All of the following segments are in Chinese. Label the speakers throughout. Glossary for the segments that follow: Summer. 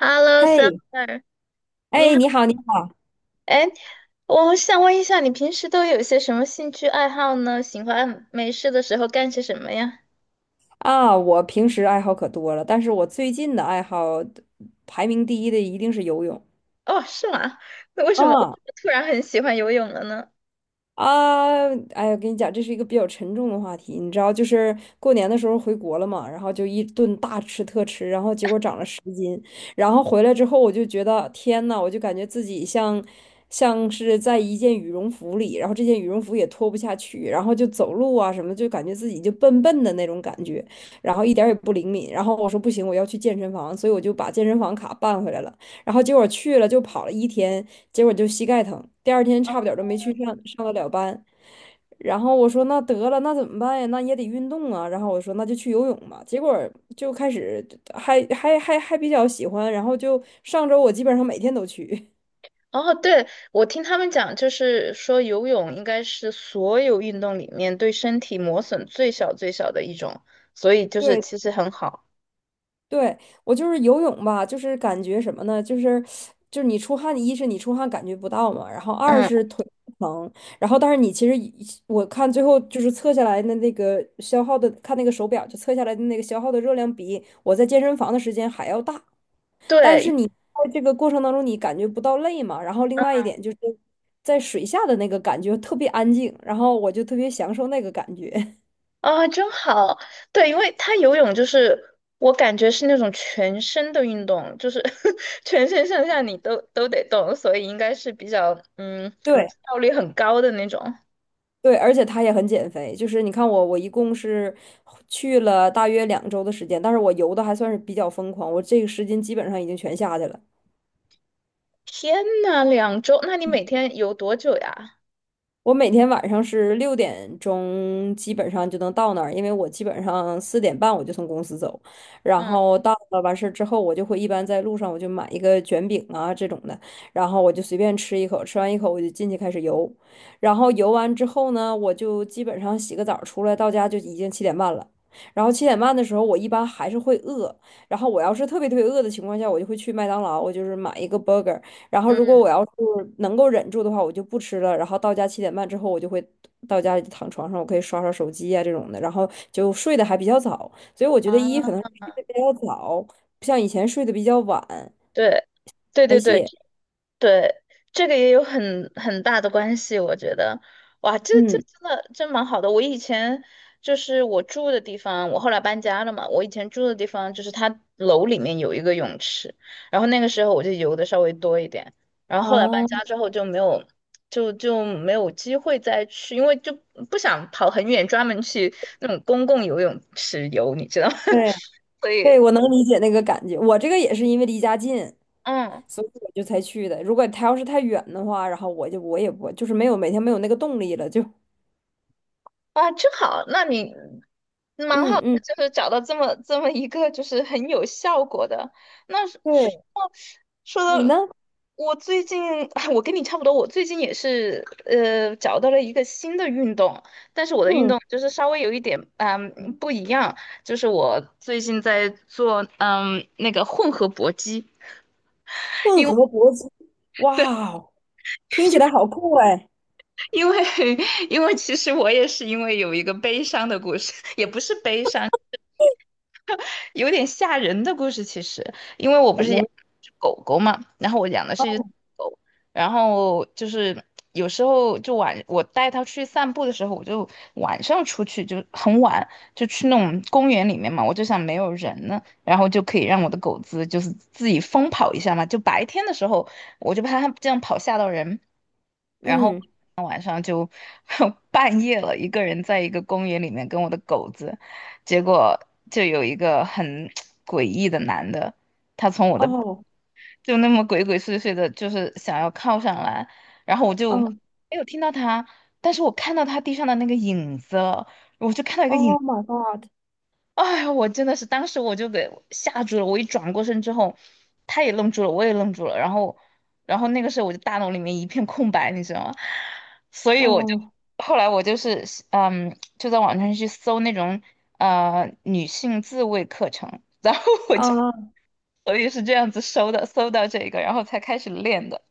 Speaker 1: Hello,
Speaker 2: 嘿，
Speaker 1: Summer，你
Speaker 2: 哎，
Speaker 1: 好。
Speaker 2: 你好，你好
Speaker 1: 哎，我想问一下，你平时都有些什么兴趣爱好呢？喜欢没事的时候干些什么呀？
Speaker 2: 啊！我平时爱好可多了，但是我最近的爱好排名第一的一定是游泳
Speaker 1: 哦，是吗？那为什么为什
Speaker 2: 啊
Speaker 1: 么突然很喜欢游泳了呢？
Speaker 2: 啊！哎呀，跟你讲，这是一个比较沉重的话题，你知道，就是过年的时候回国了嘛，然后就一顿大吃特吃，然后结果长了十。然后回来之后，我就觉得天呐，我就感觉自己像是在一件羽绒服里，然后这件羽绒服也脱不下去，然后就走路啊什么，就感觉自己就笨笨的那种感觉，然后一点儿也不灵敏。然后我说不行，我要去健身房，所以我就把健身房卡办回来了。然后结果去了就跑了一天，结果就膝盖疼，第二天差不点儿都没去上得了班。然后我说那得了，那怎么办呀？那也得运动啊。然后我说那就去游泳吧。结果就开始还比较喜欢，然后就上周我基本上每天都去。
Speaker 1: 哦，对，我听他们讲，就是说游泳应该是所有运动里面对身体磨损最小的一种，所以就是
Speaker 2: 对
Speaker 1: 其实很好。
Speaker 2: 对，我就是游泳吧，就是感觉什么呢？就是你出汗，一是你出汗感觉不到嘛，然后二
Speaker 1: 嗯，
Speaker 2: 是腿不疼，然后但是你其实一我看最后就是测下来的那个消耗的，看那个手表就测下来的那个消耗的热量比我在健身房的时间还要大。但是
Speaker 1: 对，
Speaker 2: 你在这个过程当中，你感觉不到累嘛？然后另外一点就是在水下的那个感觉特别安静，然后我就特别享受那个感觉。
Speaker 1: 啊，真好！对，因为他游泳就是我感觉是那种全身的运动，就是 全身上下你都得动，所以应该是比较
Speaker 2: 对
Speaker 1: 效率很高的那种。
Speaker 2: 对，而且它也很减肥，就是你看我，我一共是去了大约2周的时间，但是我游的还算是比较疯狂，我这个10斤基本上已经全下去了。
Speaker 1: 天呐，两周？那你每天游多久呀？
Speaker 2: 我每天晚上是6点钟，基本上就能到那儿，因为我基本上4点半我就从公司走，然
Speaker 1: 嗯
Speaker 2: 后到了完事儿之后，我就会一般在路上我就买一个卷饼啊这种的，然后我就随便吃一口，吃完一口我就进去开始游，然后游完之后呢，我就基本上洗个澡儿出来，到家就已经七点半了。然后七点半的时候，我一般还是会饿。然后我要是特别特别饿的情况下，我就会去麦当劳，我就是买一个 burger，然后如果
Speaker 1: 嗯
Speaker 2: 我要是能够忍住的话，我就不吃了。然后到家七点半之后，我就会到家里躺床上，我可以刷刷手机呀、这种的，然后就睡得还比较早。所以我觉得一
Speaker 1: 啊，
Speaker 2: 可能是睡得比较早，不像以前睡得比较晚
Speaker 1: 对对
Speaker 2: 代
Speaker 1: 对对，
Speaker 2: 谢。
Speaker 1: 对，这个也有很大的关系，我觉得。哇，这
Speaker 2: 嗯，
Speaker 1: 真的真蛮好的。我以前就是我住的地方，我后来搬家了嘛，我以前住的地方就是它楼里面有一个泳池，然后那个时候我就游的稍微多一点，然后后来搬
Speaker 2: 啊，
Speaker 1: 家之后就没有，就没有机会再去，因为就不想跑很远，专门去那种公共游泳池游，你知道吗？
Speaker 2: 对
Speaker 1: 所
Speaker 2: 对，
Speaker 1: 以，
Speaker 2: 我能理解那个感觉。我这个也是因为离家近，
Speaker 1: 嗯。
Speaker 2: 所以我就才去的。如果他要是太远的话，然后我也不就是没有那个动力了，就
Speaker 1: 啊，真好，那你蛮好
Speaker 2: 嗯
Speaker 1: 的
Speaker 2: 嗯，
Speaker 1: 就是找到这么一个就是很有效果的。那说
Speaker 2: 对
Speaker 1: 说
Speaker 2: 你
Speaker 1: 到
Speaker 2: 呢？
Speaker 1: 我最近，我跟你差不多，我最近也是找到了一个新的运动，但是我的运
Speaker 2: 嗯，
Speaker 1: 动就是稍微有一点不一样，就是我最近在做那个混合搏击。
Speaker 2: 混合搏击，哇哦听起来好酷哎！
Speaker 1: 因为 因为其实我也是因为有一个悲伤的故事，也不是悲伤，有点吓人的故事，其实，因为我不
Speaker 2: 怎
Speaker 1: 是
Speaker 2: 么
Speaker 1: 养
Speaker 2: 了？
Speaker 1: 只狗狗嘛，然后我养的是一只狗，然后就是有时候就晚，我带它去散步的时候，我就晚上出去就很晚，就去那种公园里面嘛，我就想没有人呢，然后就可以让我的狗子就是自己疯跑一下嘛，就白天的时候我就怕它这样跑吓到人，然后
Speaker 2: 嗯，
Speaker 1: 晚上就 半夜了，一个人在一个公园里面跟我的狗子。结果就有一个很 诡异的男的，他从我的
Speaker 2: 哦，
Speaker 1: 就那么鬼鬼祟祟的，就是想要靠上来，然后我就没
Speaker 2: 哦，
Speaker 1: 有听到他，但是我看到他地上的那个影子，那
Speaker 2: 哦
Speaker 1: 个影。
Speaker 2: ，Oh，My God，
Speaker 1: 哎呀，我真的是当时我就给吓住了，我一转过身之后，他也愣住了，我也愣住了，然后，然后那个时候我就大脑里面一片空白，你知道吗？所以我就
Speaker 2: 哦，
Speaker 1: 后来我就是，就在网上去搜那种女性自慰课程，然后我就
Speaker 2: 啊
Speaker 1: 所以是这样子搜的，搜到这个，然后才开始练的。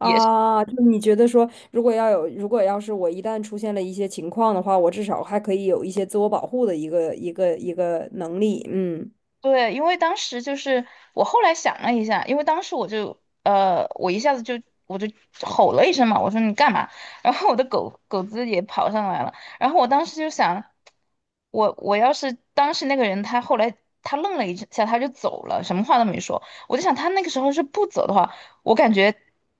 Speaker 1: 也是。
Speaker 2: 就是你觉得说，如果要有，如果要是我一旦出现了一些情况的话，我至少还可以有一些自我保护的一个能力。嗯，
Speaker 1: 对，因为当时就是我后来想了一下，因为当时我就，我一下子就我就吼了一声嘛，我说你干嘛？然后我的狗狗子也跑上来了，然后我当时就想，我要是当时那个人，他后来他愣了一下，他就走了，什么话都没说。我就想他那个时候是不走的话，我感觉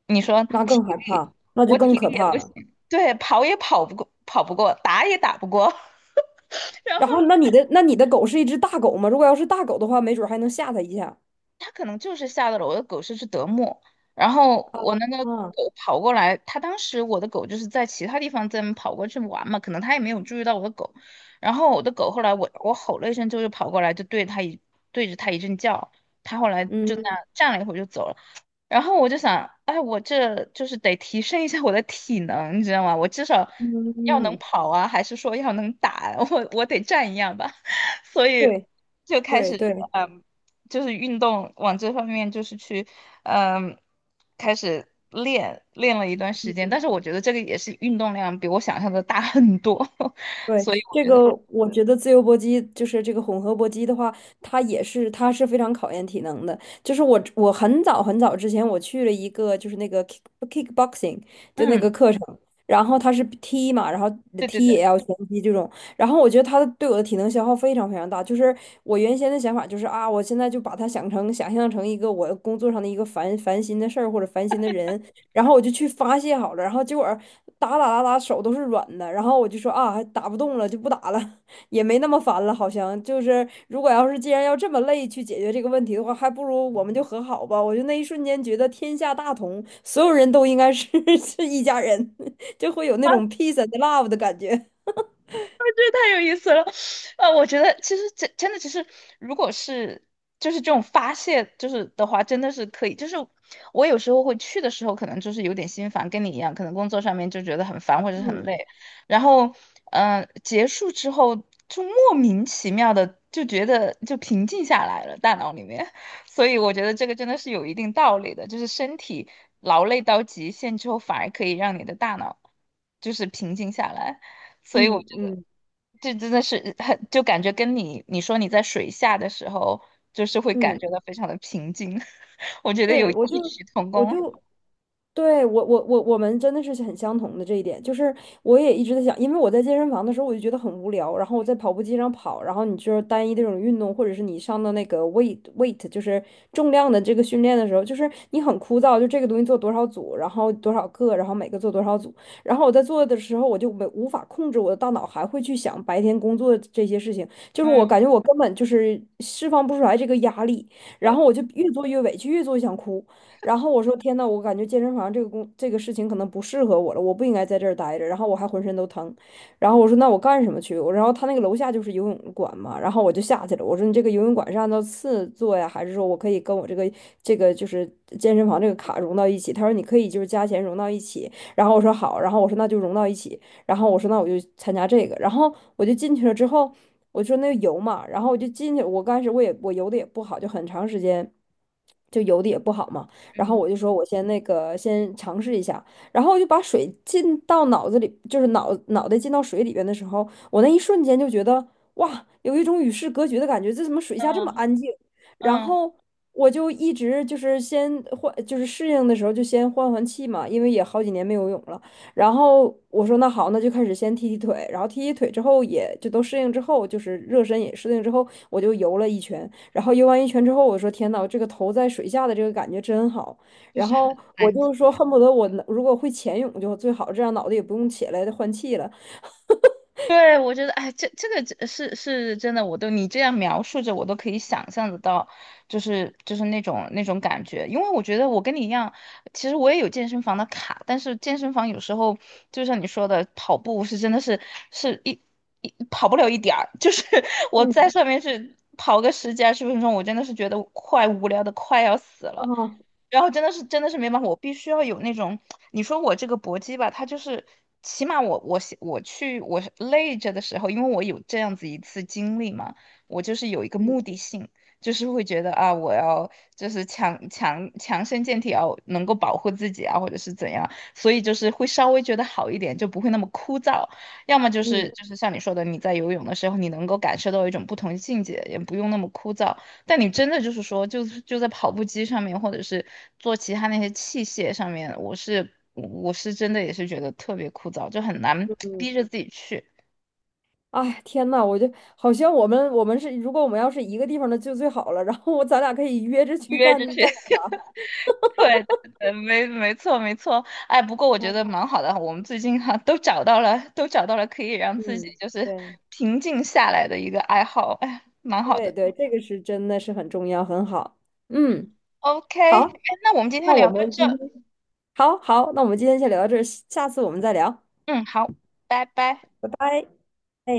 Speaker 1: 你说
Speaker 2: 那
Speaker 1: 体
Speaker 2: 更害
Speaker 1: 力，
Speaker 2: 怕，那就
Speaker 1: 我体
Speaker 2: 更可
Speaker 1: 力也
Speaker 2: 怕
Speaker 1: 不行，
Speaker 2: 了。
Speaker 1: 对，跑也跑不过，跑不过，打也打不过。然后。
Speaker 2: 然后，那你的狗是一只大狗吗？如果要是大狗的话，没准儿还能吓它一下。
Speaker 1: 它可能就是吓到了我的狗，是只德牧。然后我那个
Speaker 2: 啊，
Speaker 1: 狗跑过来，它当时我的狗就是在其他地方在跑过去玩嘛，可能它也没有注意到我的狗。然后我的狗后来我吼了一声之后就跑过来，就对它一对着它一阵叫，它后来就那
Speaker 2: 嗯
Speaker 1: 样站了一会儿就走了。然后我就想，哎，我这就是得提升一下我的体能，你知道吗？我至少
Speaker 2: 嗯
Speaker 1: 要能
Speaker 2: 嗯，
Speaker 1: 跑啊，还是说要能打啊？我得站一样吧。所以
Speaker 2: 对
Speaker 1: 就开始。
Speaker 2: 对对。
Speaker 1: 嗯。就是运动往这方面就是去，嗯，开始练了一段时间，但是我觉得这个也是运动量比我想象的大很多，所以
Speaker 2: 对，
Speaker 1: 我
Speaker 2: 这
Speaker 1: 觉得，
Speaker 2: 个我觉得自由搏击就是这个混合搏击的话，它是非常考验体能的。就是我很早很早之前我去了一个就是那个 kickboxing 就那个
Speaker 1: 嗯，
Speaker 2: 课程，然后它是踢嘛，然后
Speaker 1: 对对
Speaker 2: 踢
Speaker 1: 对。
Speaker 2: 也要拳击这种，然后我觉得它对我的体能消耗非常非常大。就是我原先的想法就是啊，我现在就把它想象成一个我工作上的一个烦心的事儿或者烦心的人，然后我就去发泄好了，然后结果打手都是软的，然后我就说啊，打不动了就不打了，也没那么烦了，好像就是如果要是既然要这么累去解决这个问题的话，还不如我们就和好吧。我就那一瞬间觉得天下大同，所有人都应该是 是一家人，就会有那种 peace and love 的感觉。
Speaker 1: 太有意思了。啊，我觉得其实真的，其实如果是就是这种发泄，就是的话，真的是可以。就是我有时候会去的时候，可能就是有点心烦，跟你一样，可能工作上面就觉得很烦或者是很
Speaker 2: 嗯
Speaker 1: 累，然后结束之后就莫名其妙的就觉得就平静下来了，大脑里面。所以我觉得这个真的是有一定道理的，就是身体劳累到极限之后，反而可以让你的大脑就是平静下来。所以我
Speaker 2: 嗯
Speaker 1: 觉得
Speaker 2: 嗯
Speaker 1: 这真的是很，就感觉跟你说你在水下的时候，就是会感觉
Speaker 2: 嗯，
Speaker 1: 到非常的平静，我觉得有
Speaker 2: 对，我
Speaker 1: 异
Speaker 2: 就
Speaker 1: 曲同
Speaker 2: 我就。
Speaker 1: 工。
Speaker 2: 对，我们真的是很相同的这一点，就是我也一直在想，因为我在健身房的时候我就觉得很无聊，然后我在跑步机上跑，然后你就是单一的这种运动，或者是你上到那个 weight 就是重量的这个训练的时候，就是你很枯燥，就这个东西做多少组，然后多少个，然后每个做多少组，然后我在做的时候我就没无法控制我的大脑还会去想白天工作的这些事情，就是我
Speaker 1: 嗯，
Speaker 2: 感觉我根本就是释放不出来这个压力，然
Speaker 1: 对，
Speaker 2: 后我就越做越委屈，越做越想哭。然后我说天呐，我感觉健身房这个工这个事情可能不适合我了，我不应该在这儿待着。然后我还浑身都疼，然后我说那我干什么去？然后他那个楼下就是游泳馆嘛，然后我就下去了。我说你这个游泳馆是按照次做呀，还是说我可以跟我这个就是健身房这个卡融到一起？他说你可以就是加钱融到一起。然后我说好，然后我说那就融到一起。然后我说那我就参加这个，然后我就进去了之后，我说那个游嘛，然后我就进去，我刚开始我游的也不好，就很长时间就游的也不好嘛。然后
Speaker 1: 嗯
Speaker 2: 我就说我先那个先尝试一下，然后我就把水进到脑子里，就是脑袋进到水里边的时候，我那一瞬间就觉得哇，有一种与世隔绝的感觉，这怎么水下这么
Speaker 1: 嗯
Speaker 2: 安静？然
Speaker 1: 嗯，
Speaker 2: 后我就一直就是先换，就是适应的时候就先换换气嘛，因为也好几年没游泳了。然后我说那好，那就开始先踢踢腿，然后踢踢腿之后也就都适应之后，就是热身也适应之后，我就游了一圈。然后游完一圈之后，我说天呐，这个头在水下的这个感觉真好。
Speaker 1: 就
Speaker 2: 然
Speaker 1: 是
Speaker 2: 后
Speaker 1: 很
Speaker 2: 我
Speaker 1: 安静。
Speaker 2: 就说恨不得我能如果会潜泳就最好，这样脑袋也不用起来换气了。
Speaker 1: 对，我觉得，哎，这个真是是真的，我都你这样描述着，我都可以想象得到，就是就是那种那种感觉。因为我觉得我跟你一样，其实我也有健身房的卡，但是健身房有时候就像你说的，跑步是真的是是一跑不了一点儿，就是 我在
Speaker 2: 嗯
Speaker 1: 上面是跑个十几二十分钟，我真的是觉得快无聊的快要死了。
Speaker 2: 啊，
Speaker 1: 然后真的是真的是没办法，我必须要有那种。你说我这个搏击吧，它就是起码我写我去我是累着的时候，因为我有这样子一次经历嘛，我就是有一个
Speaker 2: 嗯
Speaker 1: 目的性，就是会觉得啊，我要就是强身健体啊，要能够保护自己啊，或者是怎样，所以就是会稍微觉得好一点，就不会那么枯燥。要么就是
Speaker 2: 嗯
Speaker 1: 就是像你说的，你在游泳的时候，你能够感受到一种不同境界，也不用那么枯燥。但你真的就是说，就是就在跑步机上面，或者是做其他那些器械上面，我是真的也是觉得特别枯燥，就很难
Speaker 2: 嗯，
Speaker 1: 逼着自己去
Speaker 2: 哎，天呐，我就好像我们是如果我们要是一个地方的就最好了。然后我咱俩可以约着去
Speaker 1: 约
Speaker 2: 干
Speaker 1: 着去。
Speaker 2: 干点
Speaker 1: 对对对，没没错没错。哎，不过我觉得
Speaker 2: 啥。
Speaker 1: 蛮好的，我们最近哈、都找到了，都找到了可以让自己
Speaker 2: 嗯，
Speaker 1: 就是
Speaker 2: 对，
Speaker 1: 平静下来的一个爱好，哎，蛮好
Speaker 2: 对
Speaker 1: 的。
Speaker 2: 对，这个是真的是很重要，很好。嗯，
Speaker 1: OK，哎
Speaker 2: 好，
Speaker 1: 那我们今天
Speaker 2: 那我
Speaker 1: 聊到
Speaker 2: 们
Speaker 1: 这，
Speaker 2: 今天好好，那我们今天先聊到这儿，下次我们再聊，
Speaker 1: 嗯，好，拜拜。
Speaker 2: 拜拜。哎。